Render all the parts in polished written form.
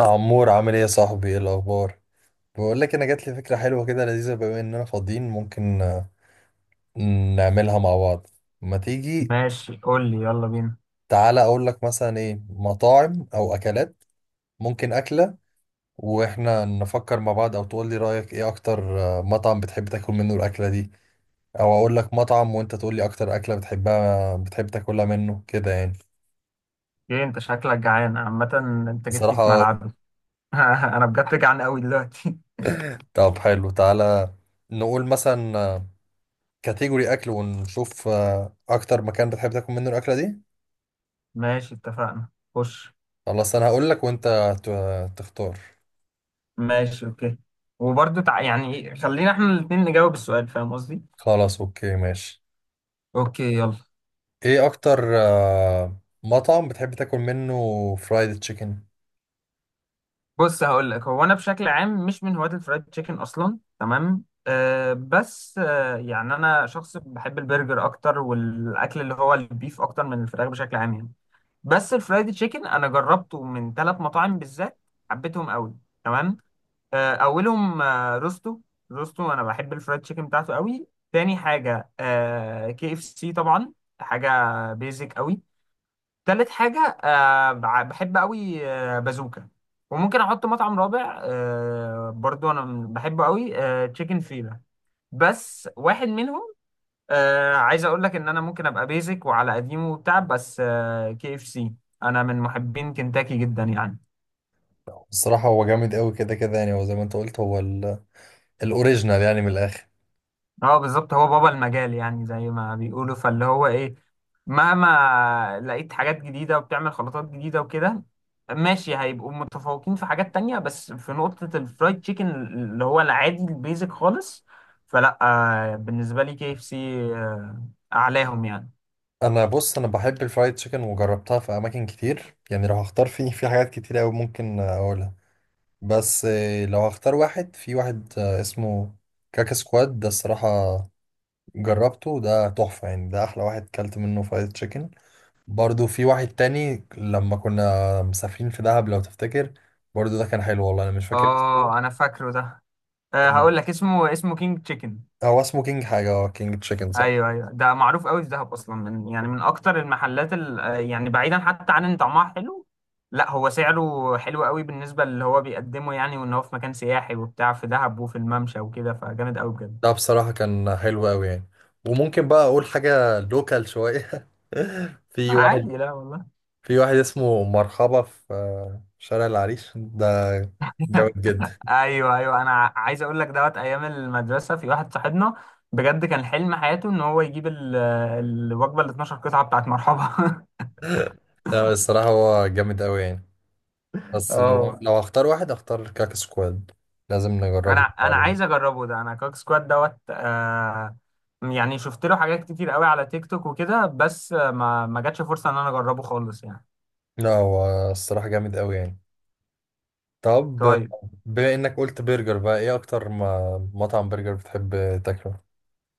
عمور، عامل ايه يا صاحبي؟ ايه الاخبار؟ بقول لك انا جات لي فكره حلوه كده لذيذه، بما اننا فاضيين ممكن نعملها مع بعض. ما تيجي؟ ماشي، قول لي يلا بينا. تعالى اقول لك مثلا ايه مطاعم او اكلات ممكن اكله واحنا نفكر مع بعض، او تقول لي رايك ايه اكتر مطعم بتحب تاكل منه الاكله دي، او اقول لك مطعم وانت تقول لي اكتر اكله بتحب تاكلها منه كده يعني. ايه، انت شكلك جعان عامة؟ انت جيت لي في بصراحه. ملعبي. انا بجد جعان قوي دلوقتي. طب حلو، تعالى نقول مثلا كاتيجوري اكل ونشوف اكتر مكان بتحب تاكل منه الاكله دي. ماشي، اتفقنا. خش. خلاص انا هقول لك وانت تختار. ماشي، اوكي. وبرضه يعني ايه، خلينا احنا الاتنين نجاوب السؤال، فاهم قصدي؟ خلاص اوكي ماشي. اوكي، يلا. ايه اكتر مطعم بتحب تاكل منه فرايد تشيكن؟ بص، هقول لك، هو انا بشكل عام مش من هواة الفرايد تشيكن اصلا، تمام، بس يعني انا شخص بحب البرجر اكتر، والاكل اللي هو البيف اكتر من الفراخ بشكل عام يعني. بس الفرايد تشيكن انا جربته من ثلاث مطاعم بالذات، حبيتهم قوي، تمام. اولهم روستو. روستو انا بحب الفرايد تشيكن بتاعته قوي. تاني حاجه كي اف سي طبعا، حاجه بيزك قوي. تالت حاجه بحب قوي بازوكا. وممكن احط مطعم رابع برضو انا بحبه قوي، تشيكن فيلا. بس واحد منهم. عايز اقول لك ان انا ممكن ابقى بيزك وعلى قديمه وبتاع، بس كي اف سي، انا من محبين كنتاكي جدا يعني. الصراحه هو جامد قوي كده كده يعني، هو زي ما انت قلت هو الاوريجينال يعني من الاخر. اه بالظبط، هو بابا المجال يعني زي ما بيقولوا، فاللي هو ايه، مهما لقيت حاجات جديدة وبتعمل خلطات جديدة وكده، ماشي، هيبقوا متفوقين في حاجات تانية، بس في نقطة الفرايد تشيكن اللي هو العادي البيزك خالص، فلا. آه بالنسبة لي كي اف سي اعلاهم يعني. انا بص، انا بحب الفرايد تشيكن وجربتها في اماكن كتير يعني، لو هختار فيه في حاجات كتير قوي ممكن اقولها، بس لو هختار واحد في واحد اسمه كاكا سكواد ده. الصراحه جربته، ده تحفة يعني، ده أحلى واحد كلت منه فرايد تشيكن. برضو في واحد تاني لما كنا مسافرين في دهب لو تفتكر، برضو ده كان حلو والله، أنا مش فاكر اسمه اه انا فاكره ده. هقول آه، لك اسمه كينج تشيكن. هو اسمه كينج حاجة، اه كينج تشيكن صح. ايوه، ايوه، ده معروف قوي في دهب اصلا، من اكتر المحلات يعني بعيدا حتى عن ان طعمها حلو، لا، هو سعره حلو قوي بالنسبه اللي هو بيقدمه يعني، وان هو في مكان سياحي وبتاع في دهب وفي الممشى وكده، فجامد قوي بجد. ده بصراحة كان حلو أوي يعني، وممكن بقى أقول حاجة لوكال شوية. في واحد عادي، لا والله. في واحد اسمه مرحبا في شارع العريش، ده جامد جدا. ايوه، ايوه، انا عايز اقول لك دوت ايام المدرسه في واحد صاحبنا، بجد كان حلم حياته ان هو يجيب الوجبه ال 12 قطعه بتاعت مرحبا. لا الصراحة هو جامد أوي يعني، بس اه. لو هختار واحد هختار كاكا سكواد. لازم انا نجربه انا بعدين. عايز اجربه ده، انا كوك سكواد دوت يعني شفت له حاجات كتير قوي على تيك توك وكده، بس ما جاتش فرصه ان انا اجربه خالص يعني. لا هو الصراحة جامد قوي يعني. طب، طيب. بما انك قلت برجر بقى، ايه اكتر ما مطعم برجر بتحب تاكله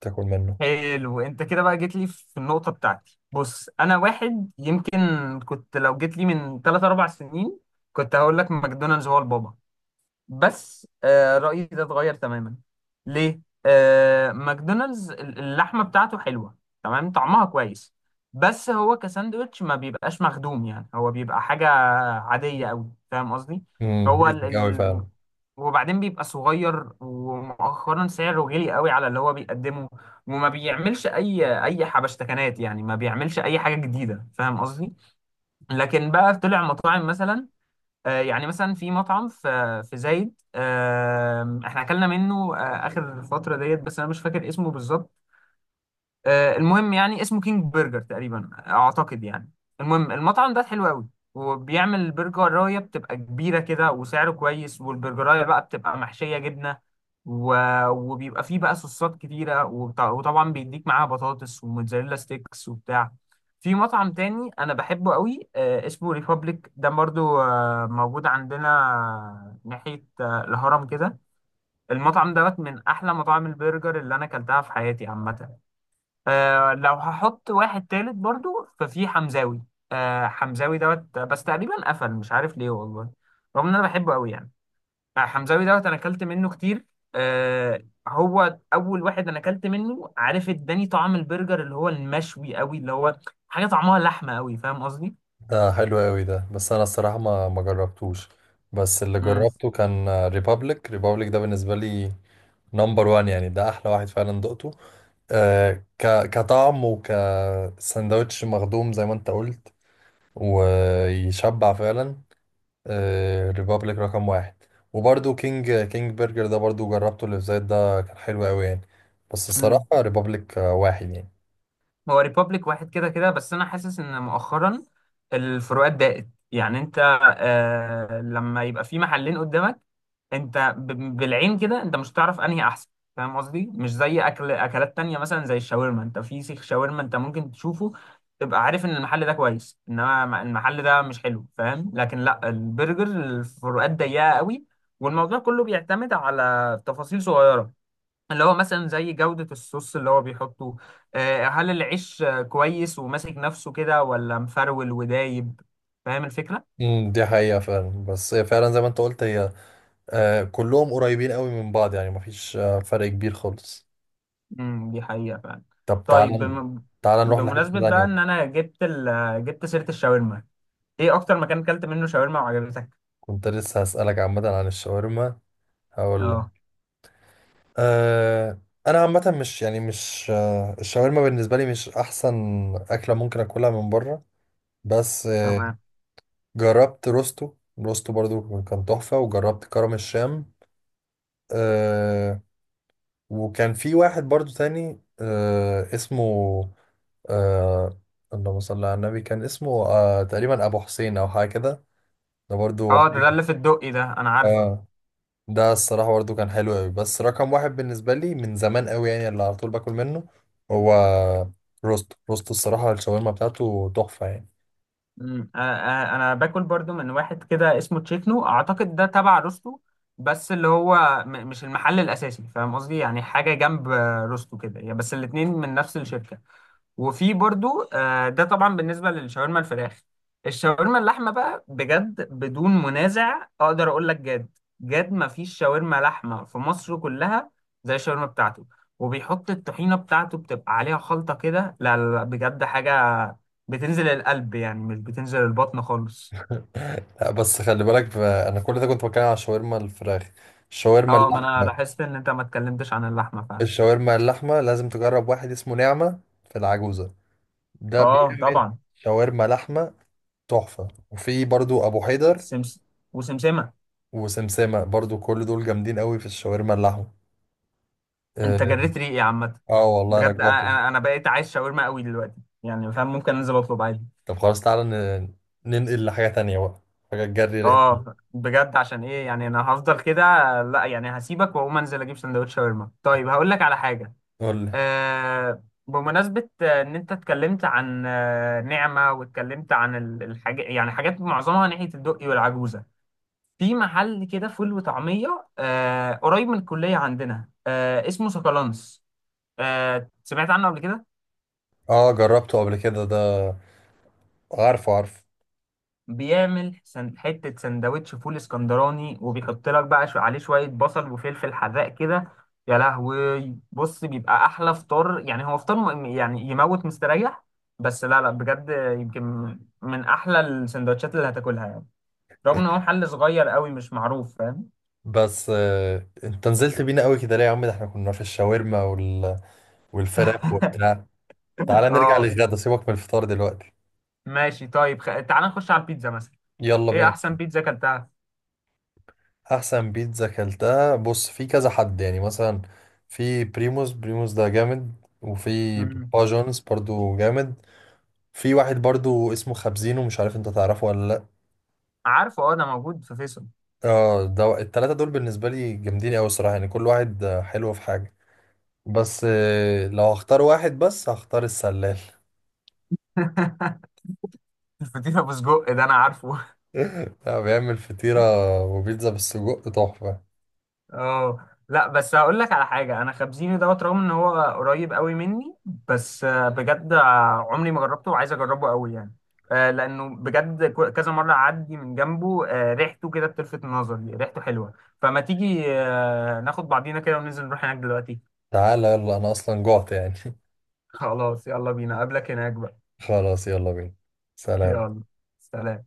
تاكل منه؟ حلو، انت كده بقى جيت لي في النقطه بتاعتي. بص انا واحد يمكن، كنت لو جيت لي من 3 4 سنين كنت هقول لك ماكدونالدز هو البابا. بس رأيي ده اتغير تماما. ليه؟ ماكدونالدز اللحمة بتاعته حلوة، تمام، طعمها كويس. بس هو كساندوتش ما بيبقاش مخدوم يعني، هو بيبقى حاجة عادية أوي، فاهم قصدي؟ هو ال... بيزك قوي فعلا. ال... وبعدين بيبقى صغير، ومؤخرا سعره غالي قوي على اللي هو بيقدمه، وما بيعملش اي حبشتكنات يعني، ما بيعملش اي حاجه جديده، فاهم قصدي؟ لكن بقى طلع مطاعم مثلا، يعني مثلا في مطعم في زايد، احنا اكلنا منه اخر فتره ديت، بس انا مش فاكر اسمه بالظبط. المهم يعني اسمه كينج برجر تقريبا اعتقد يعني. المهم، المطعم ده حلو قوي، وبيعمل برجرايه بتبقى كبيره كده وسعره كويس، والبرجرايه بقى بتبقى محشيه جبنه و... وبيبقى فيه بقى صوصات كتيره وطبعا بيديك معاها بطاطس وموتزاريلا ستيكس وبتاع. في مطعم تاني انا بحبه قوي اسمه ريبابليك، ده برضو موجود عندنا ناحيه الهرم كده. المطعم دوت من احلى مطاعم البرجر اللي انا اكلتها في حياتي عامه. لو هحط واحد تالت برضو ففي حمزاوي. حمزاوي دوت بس تقريبا قفل، مش عارف ليه والله، رغم ان انا بحبه قوي يعني. حمزاوي دوت انا اكلت منه كتير. آه هو اول واحد انا اكلت منه، عارف، اداني طعم البرجر اللي هو المشوي قوي، اللي هو حاجه طعمها لحمه قوي، فاهم قصدي؟ ده حلو قوي ده، بس انا الصراحة ما جربتوش، بس اللي جربته كان ريبابليك. ريبابليك ده بالنسبة لي نمبر وان يعني، ده احلى واحد فعلا دقته آه ك كطعم وكساندوتش مخدوم زي ما انت قلت، ويشبع فعلا. ريبابليك رقم واحد. وبرده كينج برجر ده برضو جربته، اللي في زايد ده كان حلو قوي يعني، بس الصراحة امم ريبابليك واحد يعني. هو ريبابليك واحد كده كده، بس انا حاسس ان مؤخرا الفروقات ضاقت يعني. انت لما يبقى في محلين قدامك، انت بالعين كده انت مش هتعرف انهي احسن، فاهم قصدي؟ مش زي اكل اكلات تانية مثلا زي الشاورما، انت في سيخ شاورما انت ممكن تشوفه تبقى عارف ان المحل ده كويس، انما المحل ده مش حلو، فاهم؟ لكن لا، البرجر الفروقات ضيقة قوي، والموضوع كله بيعتمد على تفاصيل صغيرة، اللي هو مثلا زي جودة الصوص اللي هو بيحطه، هل العيش كويس وماسك نفسه كده ولا مفرول ودايب، فاهم الفكرة؟ دي حقيقة فعلا، بس هي فعلا زي ما انت قلت، هي كلهم قريبين قوي من بعض يعني، مفيش فرق كبير خالص. دي حقيقة فعلا. طب طيب، تعال، تعال نروح لحتة بمناسبة بقى تانية. ان انا جبت ال... آه، جبت سيرة الشاورما، ايه اكتر مكان اكلت منه شاورما وعجبتك؟ كنت لسه هسألك عامة عن الشاورما، هقول لك. اه أه، انا عامة مش يعني مش الشاورما بالنسبة لي مش احسن اكلة ممكن اكلها من بره، بس تمام. جربت روستو. روستو برضو كان تحفة، وجربت كرم الشام آه، وكان في واحد برضو تاني اسمه آه، اللهم صل على النبي، كان اسمه تقريبا أبو حسين أو حاجة كده، ده برضو اه، ده حاجة اللي في الدقي ده انا عارفه. آه، ده الصراحة برضو كان حلو أوي. بس رقم واحد بالنسبة لي من زمان أوي يعني، اللي على طول باكل منه هو روستو. روستو الصراحة الشاورما بتاعته تحفة يعني. مم. انا أنا- أنا باكل برضو من واحد كده اسمه تشيكنو اعتقد، ده تبع روستو، بس اللي هو مش المحل الاساسي، فاهم قصدي؟ يعني حاجه جنب روستو كده يعني، بس الاتنين من نفس الشركه. وفي برضو ده طبعا بالنسبه للشاورما الفراخ. الشاورما اللحمه بقى، بجد بدون منازع اقدر اقول لك، جد جد ما فيش شاورما لحمه في مصر كلها زي الشاورما بتاعته. وبيحط الطحينه بتاعته بتبقى عليها خلطه كده، لا، لا، لا، بجد حاجه بتنزل القلب يعني، مش بتنزل البطن خالص. لا بس خلي بالك انا كل ده كنت بتكلم على الشاورما الفراخ. الشاورما اه، ما اللحمه، انا لاحظت ان انت ما اتكلمتش عن اللحمه فعلا. الشاورما اللحمه لازم تجرب واحد اسمه نعمه في العجوزه، ده اه بيعمل طبعا. شاورما لحمه تحفه. وفي برضو ابو حيدر سمس وسمسمه. وسمسمه، برضو كل دول جامدين قوي في الشاورما اللحمه. انت اه. جريت ريقي يا عامه. والله انا بجد، جوعت. انا بقيت عايز شاورما قوي دلوقتي، يعني فاهم، ممكن انزل اطلب عادي. طب خلاص تعالى ننقل لحاجه تانية بقى، حاجه تجري. اه بجد، عشان ايه يعني، انا هفضل كده. لا يعني، هسيبك واقوم انزل اجيب سندوتش شاورما. طيب، هقول لك على حاجه، قول لي. بمناسبه ان انت اتكلمت عن نعمه، واتكلمت عن الحاجه يعني، حاجات معظمها ناحيه الدقي والعجوزه. في محل كده فول وطعميه قريب من الكليه عندنا، اسمه سكالانس، سمعت عنه قبل كده؟ اه، جربته قبل كده ده، عارفه عارفه. بيعمل حتة سندوتش فول اسكندراني، وبيحط لك بقى عليه شوية بصل وفلفل حراق كده. يا لهوي، بص بيبقى أحلى فطار يعني، هو فطار يعني يموت مستريح، بس لا، لا، بجد، يمكن من أحلى السندوتشات اللي هتاكلها يعني، رغم إن هو محل صغير قوي مش معروف، فاهم؟ بس انت نزلت بينا قوي كده ليه يا عم؟ ده احنا كنا في الشاورما والفراخ وبتاع. تعالى نرجع اه. للغدا، سيبك من الفطار دلوقتي. ماشي طيب، تعال نخش على البيتزا مثلا. يلا إيه بينا. أحسن بيتزا أكلتها؟ احسن بيتزا اكلتها، بص في كذا حد يعني مثلا. في بريموس، بريموس ده جامد، وفي مم. بابا جونز برضو جامد. في واحد برضو اسمه خبزينو، مش عارف انت تعرفه ولا لا. عارفه، اه، ده موجود في فيصل. اه، ده التلاتة دول بالنسبة لي جامدين قوي الصراحة يعني، كل واحد حلو في حاجة، بس لو هختار واحد بس هختار السلال. الفطيرة بسجق ده أنا عارفه. لا، بيعمل فطيرة وبيتزا بالسجق تحفة. اه لا، بس هقول لك على حاجه، انا خبزيني دوت رغم ان هو قريب قوي مني، بس بجد عمري ما جربته وعايز اجربه قوي يعني، لانه بجد كذا مره اعدي من جنبه، ريحته كده بتلفت نظري، ريحته حلوه. فما تيجي ناخد بعضينا كده وننزل نروح هناك دلوقتي؟ تعالى يلا، أنا أصلا جوعت يعني. خلاص، يلا بينا، اقابلك هناك بقى. خلاص يلا بينا. سلام. يلا. سلام.